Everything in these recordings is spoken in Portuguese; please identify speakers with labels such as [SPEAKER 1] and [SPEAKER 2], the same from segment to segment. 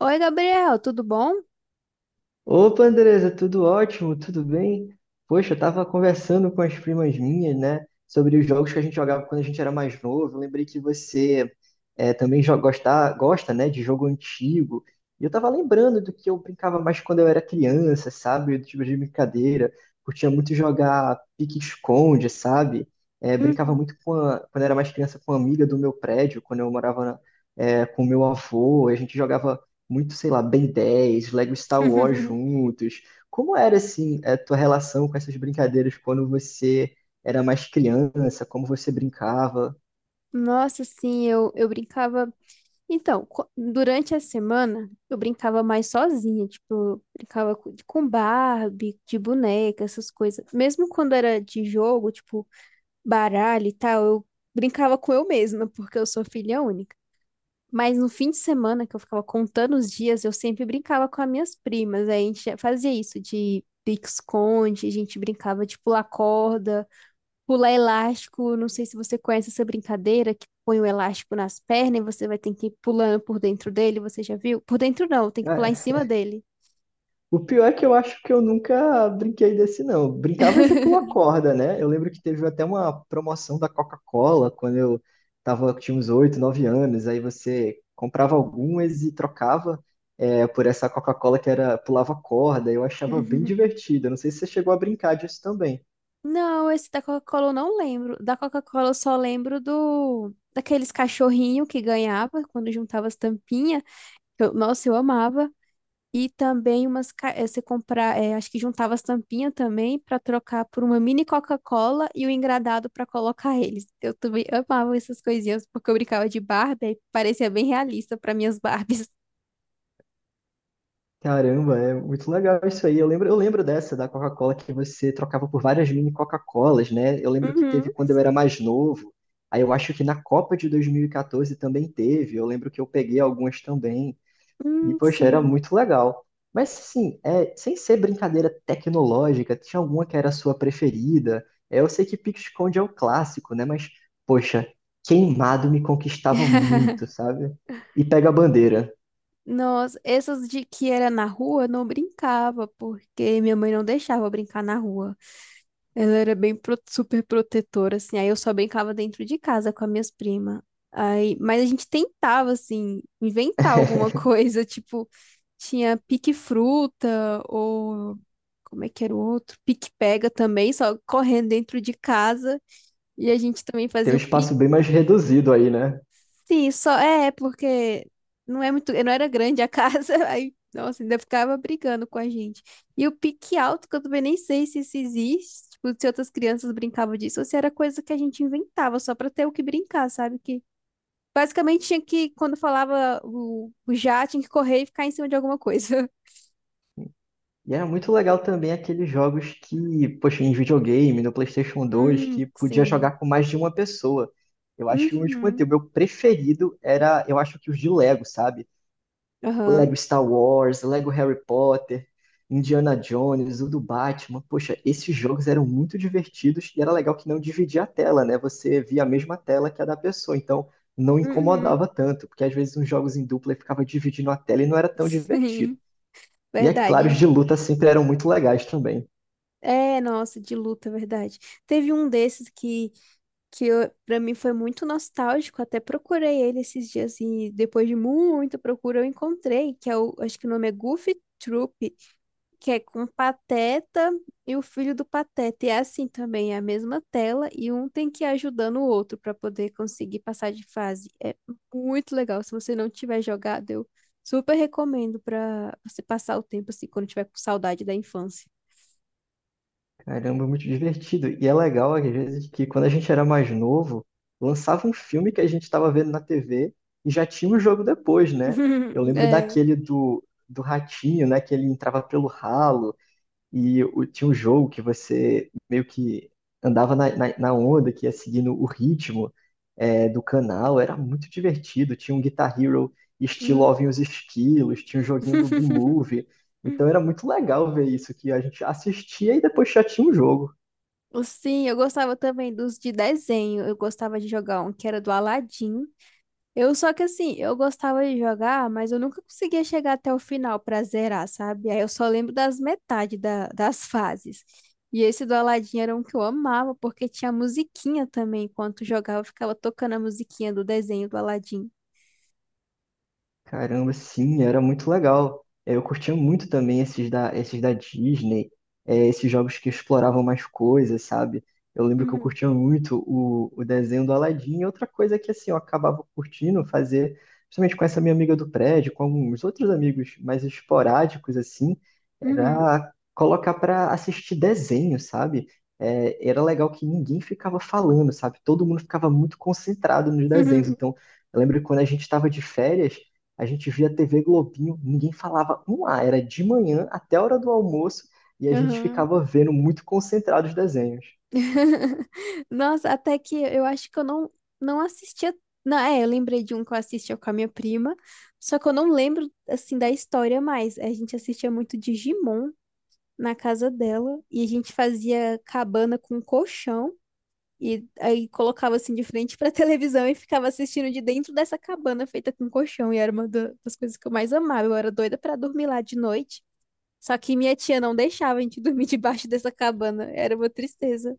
[SPEAKER 1] Oi, Gabriel, tudo bom?
[SPEAKER 2] Opa, Andresa, tudo ótimo, tudo bem? Poxa, eu tava conversando com as primas minhas, né, sobre os jogos que a gente jogava quando a gente era mais novo. Eu lembrei que você também gosta, né, de jogo antigo. E eu tava lembrando do que eu brincava mais quando eu era criança, sabe? Do tipo de brincadeira. Curtia muito jogar pique-esconde, sabe?
[SPEAKER 1] Hum.
[SPEAKER 2] Brincava muito quando eu era mais criança com uma amiga do meu prédio, quando eu morava com meu avô. A gente jogava muito, sei lá, Ben 10 Lego Star Wars juntos. Como era, assim, a tua relação com essas brincadeiras quando você era mais criança? Como você brincava?
[SPEAKER 1] Nossa, sim, eu brincava. Então, durante a semana, eu brincava mais sozinha, tipo, eu brincava com Barbie, de boneca, essas coisas. Mesmo quando era de jogo, tipo, baralho e tal, eu brincava com eu mesma, porque eu sou filha única. Mas no fim de semana, que eu ficava contando os dias, eu sempre brincava com as minhas primas. Aí a gente fazia isso de pique-esconde, a gente brincava de pular corda. Pular elástico, não sei se você conhece essa brincadeira que põe o elástico nas pernas e você vai ter que ir pulando por dentro dele, você já viu? Por dentro não, tem que
[SPEAKER 2] Ah,
[SPEAKER 1] pular em
[SPEAKER 2] é.
[SPEAKER 1] cima dele.
[SPEAKER 2] O pior é que eu acho que eu nunca brinquei desse, não. Eu brincava de pular corda, né? Eu lembro que teve até uma promoção da Coca-Cola quando eu tinha uns 8, 9 anos. Aí você comprava algumas e trocava por essa Coca-Cola que era pulava corda. Eu achava bem
[SPEAKER 1] Uhum.
[SPEAKER 2] divertido. Eu não sei se você chegou a brincar disso também.
[SPEAKER 1] Não, esse da Coca-Cola eu não lembro. Da Coca-Cola eu só lembro do daqueles cachorrinho que ganhava quando juntava as tampinhas. Nossa, eu amava. E também umas. Você comprar. Acho que juntava as tampinhas também para trocar por uma mini Coca-Cola e o engradado para colocar eles. Eu também amava essas coisinhas porque eu brincava de Barbie e parecia bem realista para minhas Barbies.
[SPEAKER 2] Caramba, é muito legal isso aí. Eu lembro dessa da Coca-Cola que você trocava por várias mini Coca-Colas, né? Eu lembro que
[SPEAKER 1] Uhum.
[SPEAKER 2] teve quando eu era mais novo. Aí eu acho que na Copa de 2014 também teve. Eu lembro que eu peguei algumas também. E, poxa, era
[SPEAKER 1] Sim.
[SPEAKER 2] muito legal. Mas, assim, sem ser brincadeira tecnológica, tinha alguma que era a sua preferida? Eu sei que pique-esconde é o clássico, né? Mas, poxa, queimado me conquistava muito, sabe? E pega a bandeira.
[SPEAKER 1] Nossa, essas de que era na rua, eu não brincava porque minha mãe não deixava eu brincar na rua. Ela era bem super protetora, assim. Aí eu só brincava dentro de casa com as minhas primas. Aí, mas a gente tentava, assim, inventar alguma coisa. Tipo, tinha pique-fruta, ou como é que era o outro? Pique-pega também, só correndo dentro de casa. E a gente também
[SPEAKER 2] Tem
[SPEAKER 1] fazia
[SPEAKER 2] um
[SPEAKER 1] o...
[SPEAKER 2] espaço bem mais reduzido aí, né?
[SPEAKER 1] Sim, só é porque não é muito, não era grande a casa, aí, nossa, ainda ficava brigando com a gente. E o pique alto, que eu também nem sei se isso existe, tipo, se outras crianças brincavam disso, ou se era coisa que a gente inventava só pra ter o que brincar, sabe? Que basicamente tinha que, quando falava o já, tinha que correr e ficar em cima de alguma coisa.
[SPEAKER 2] E era muito legal também aqueles jogos que, poxa, em videogame, no PlayStation 2, que podia
[SPEAKER 1] Sim.
[SPEAKER 2] jogar com mais de uma pessoa. Eu acho que o último
[SPEAKER 1] Uhum.
[SPEAKER 2] o meu preferido era, eu acho que os de Lego, sabe?
[SPEAKER 1] Aham.
[SPEAKER 2] Lego Star Wars, Lego Harry Potter, Indiana Jones, o do Batman. Poxa, esses jogos eram muito divertidos e era legal que não dividia a tela, né? Você via a mesma tela que a da pessoa, então não
[SPEAKER 1] Uhum.
[SPEAKER 2] incomodava tanto, porque às vezes uns jogos em dupla ficava dividindo a tela e não era tão divertido.
[SPEAKER 1] Sim,
[SPEAKER 2] E é claro, os
[SPEAKER 1] verdade.
[SPEAKER 2] de luta sempre eram muito legais também.
[SPEAKER 1] É, nossa, de luta, verdade. Teve um desses que eu, pra mim foi muito nostálgico. Até procurei ele esses dias e depois de muita procura eu encontrei, que é o, acho que o nome é Goofy Troop, que é com Pateta e o filho do Pateta. E é assim também, é a mesma tela e um tem que ir ajudando o outro pra poder conseguir passar de fase. É muito legal. Se você não tiver jogado, eu super recomendo pra você passar o tempo assim quando tiver com saudade da infância.
[SPEAKER 2] Caramba, muito divertido. E é legal, às vezes, que quando a gente era mais novo, lançava um filme que a gente estava vendo na TV e já tinha o jogo depois, né? Eu lembro
[SPEAKER 1] É.
[SPEAKER 2] daquele do ratinho, né? Que ele entrava pelo ralo. Tinha um jogo que você meio que andava na onda, que ia seguindo o ritmo do canal. Era muito divertido. Tinha um Guitar Hero estilo
[SPEAKER 1] Hum.
[SPEAKER 2] Ovem os Esquilos, tinha um joguinho do B-Movie. Então era muito legal ver isso, que a gente assistia e depois já tinha um jogo.
[SPEAKER 1] Sim, eu gostava também dos de desenho. Eu gostava de jogar um que era do Aladdin. Eu só que assim, eu gostava de jogar, mas eu nunca conseguia chegar até o final pra zerar, sabe? Aí eu só lembro das metade da, das fases. E esse do Aladdin era um que eu amava, porque tinha musiquinha também. Enquanto jogava, eu ficava tocando a musiquinha do desenho do Aladdin.
[SPEAKER 2] Caramba, sim, era muito legal. Eu curtia muito também esses da Disney, esses jogos que exploravam mais coisas, sabe? Eu lembro que eu
[SPEAKER 1] Uhum,
[SPEAKER 2] curtia muito o desenho do Aladdin. E outra coisa que assim, eu acabava curtindo fazer, principalmente com essa minha amiga do prédio, com alguns outros amigos mais esporádicos, assim,
[SPEAKER 1] uhum,
[SPEAKER 2] era colocar para assistir desenho, sabe? Era legal que ninguém ficava falando, sabe? Todo mundo ficava muito concentrado nos desenhos.
[SPEAKER 1] uhum,
[SPEAKER 2] Então, eu lembro que quando a gente estava de férias, a gente via TV Globinho, ninguém falava um A, era de manhã até a hora do almoço e a gente
[SPEAKER 1] uhum.
[SPEAKER 2] ficava vendo muito concentrado os desenhos.
[SPEAKER 1] Nossa, até que eu acho que eu não, não assistia. Não, é, eu lembrei de um que eu assistia com a minha prima, só que eu não lembro, assim, da história mais. A gente assistia muito Digimon na casa dela e a gente fazia cabana com um colchão e aí colocava, assim, de frente pra televisão e ficava assistindo de dentro dessa cabana feita com colchão e era uma das coisas que eu mais amava. Eu era doida pra dormir lá de noite, só que minha tia não deixava a gente dormir debaixo dessa cabana. Era uma tristeza.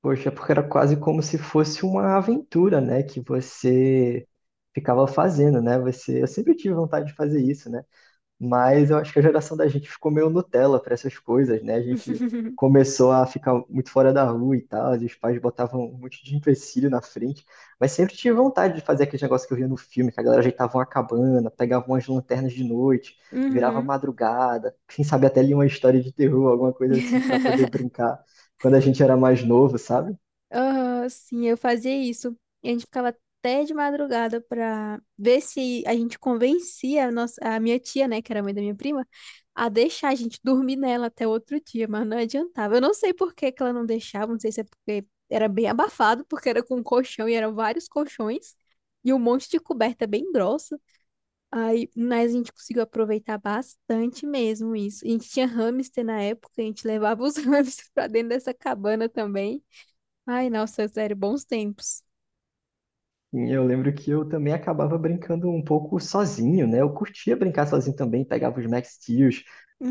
[SPEAKER 2] Poxa, porque era quase como se fosse uma aventura, né, que você ficava fazendo, né? Eu sempre tive vontade de fazer isso, né? Mas eu acho que a geração da gente ficou meio Nutella para essas coisas, né? A gente começou a ficar muito fora da rua e tal, e os pais botavam um monte de empecilho na frente, mas sempre tive vontade de fazer aquele negócio que eu via no filme, que a galera ajeitava uma cabana, pegava umas lanternas de noite, virava
[SPEAKER 1] Uhum.
[SPEAKER 2] madrugada, quem sabe até lia uma história de terror, alguma coisa assim, para poder brincar quando a gente era mais novo, sabe?
[SPEAKER 1] Ah, sim, eu fazia isso. E a gente ficava até de madrugada pra ver se a gente convencia a, nossa, a minha tia, né, que era mãe da minha prima, a deixar a gente dormir nela até outro dia, mas não adiantava. Eu não sei por que que ela não deixava, não sei se é porque era bem abafado, porque era com colchão e eram vários colchões e um monte de coberta bem grossa. Aí, mas a gente conseguiu aproveitar bastante mesmo isso. A gente tinha hamster na época, a gente levava os hamsters pra dentro dessa cabana também. Ai, nossa, sério, bons tempos.
[SPEAKER 2] E eu lembro que eu também acabava brincando um pouco sozinho, né? Eu curtia brincar sozinho também, pegava os Max Steel,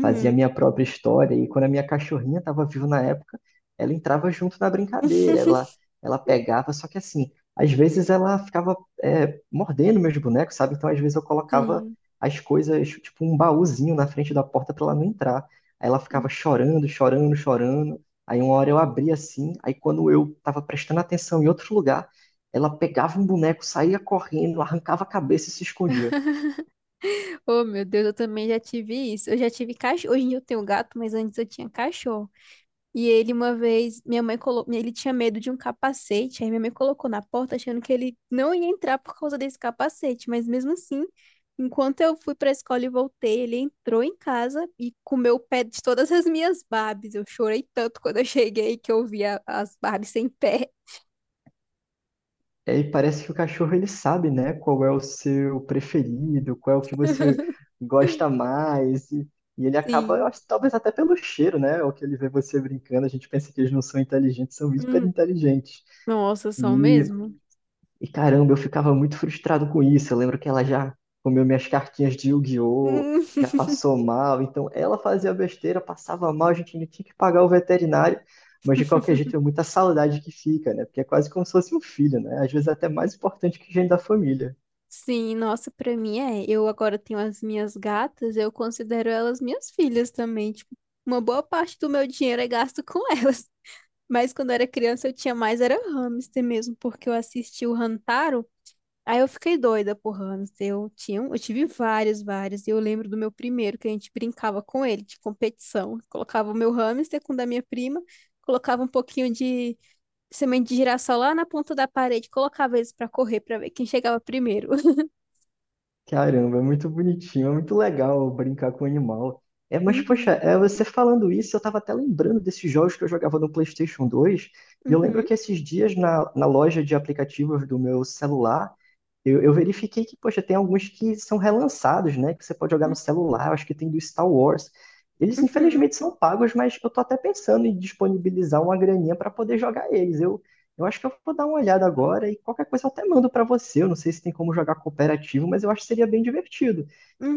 [SPEAKER 2] fazia a minha própria história. E quando a minha cachorrinha estava viva na época, ela entrava junto na brincadeira, ela pegava. Só que assim, às vezes ela ficava mordendo meus bonecos, sabe? Então às vezes eu colocava
[SPEAKER 1] Sim.
[SPEAKER 2] as coisas, tipo um baúzinho na frente da porta para ela não entrar. Aí ela ficava chorando, chorando, chorando. Aí uma hora eu abria assim, aí quando eu estava prestando atenção em outro lugar, ela pegava um boneco, saía correndo, arrancava a cabeça e se escondia.
[SPEAKER 1] Oh, meu Deus, eu também já tive isso. Eu já tive cachorro. Hoje em dia eu tenho gato, mas antes eu tinha cachorro. E ele uma vez, minha mãe colocou, ele tinha medo de um capacete, aí minha mãe colocou na porta achando que ele não ia entrar por causa desse capacete, mas mesmo assim, enquanto eu fui para a escola e voltei, ele entrou em casa e comeu o pé de todas as minhas Barbies. Eu chorei tanto quando eu cheguei que eu vi as Barbies sem pé.
[SPEAKER 2] E aí parece que o cachorro ele sabe, né, qual é o seu preferido, qual é o que você gosta mais. E ele acaba, eu
[SPEAKER 1] Sim.
[SPEAKER 2] acho, talvez até pelo cheiro, né? O que ele vê você brincando, a gente pensa que eles não são inteligentes, são hiper
[SPEAKER 1] Hum,
[SPEAKER 2] inteligentes.
[SPEAKER 1] nossa, são
[SPEAKER 2] E
[SPEAKER 1] mesmo?
[SPEAKER 2] E caramba, eu ficava muito frustrado com isso. Eu lembro que ela já comeu minhas cartinhas de Yu-Gi-Oh!
[SPEAKER 1] Hum,
[SPEAKER 2] Já passou mal, então ela fazia besteira, passava mal, a gente ainda tinha que pagar o veterinário, mas de qualquer jeito é muita saudade que fica, né? Porque é quase como se fosse um filho, né? Às vezes é até mais importante que gente da família.
[SPEAKER 1] Sim, nossa, pra mim é. Eu agora tenho as minhas gatas, eu considero elas minhas filhas também. Tipo, uma boa parte do meu dinheiro é gasto com elas. Mas quando eu era criança eu tinha mais era hamster mesmo, porque eu assisti o Hantaro, aí eu fiquei doida por hamster. Eu tinha, eu tive vários, vários. E eu lembro do meu primeiro, que a gente brincava com ele de competição. Colocava o meu hamster com o da minha prima, colocava um pouquinho de semente de girassol lá na ponta da parede, colocava eles pra correr pra ver quem chegava primeiro.
[SPEAKER 2] Caramba, é muito bonitinho, é muito legal brincar com o animal. É, mas, poxa,
[SPEAKER 1] Uhum.
[SPEAKER 2] você falando isso, eu tava até lembrando desses jogos que eu jogava no PlayStation 2. E eu lembro
[SPEAKER 1] Uhum,
[SPEAKER 2] que esses dias, na loja de aplicativos do meu celular, eu verifiquei que, poxa, tem alguns que são relançados, né? Que você pode jogar no celular, eu acho que tem do Star Wars. Eles,
[SPEAKER 1] uhum,
[SPEAKER 2] infelizmente, são pagos, mas eu tô até pensando em disponibilizar uma graninha para poder jogar eles. Eu acho que eu vou dar uma olhada agora e qualquer coisa eu até mando pra você. Eu não sei se tem como jogar cooperativo, mas eu acho que seria bem divertido.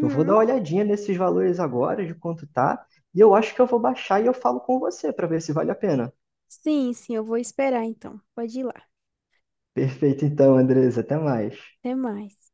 [SPEAKER 2] Eu vou dar uma olhadinha nesses valores agora, de quanto tá, e eu acho que eu vou baixar e eu falo com você pra ver se vale a pena.
[SPEAKER 1] Sim, sim, eu vou esperar então. Pode ir lá.
[SPEAKER 2] Perfeito, então, Andres, até mais.
[SPEAKER 1] Até mais.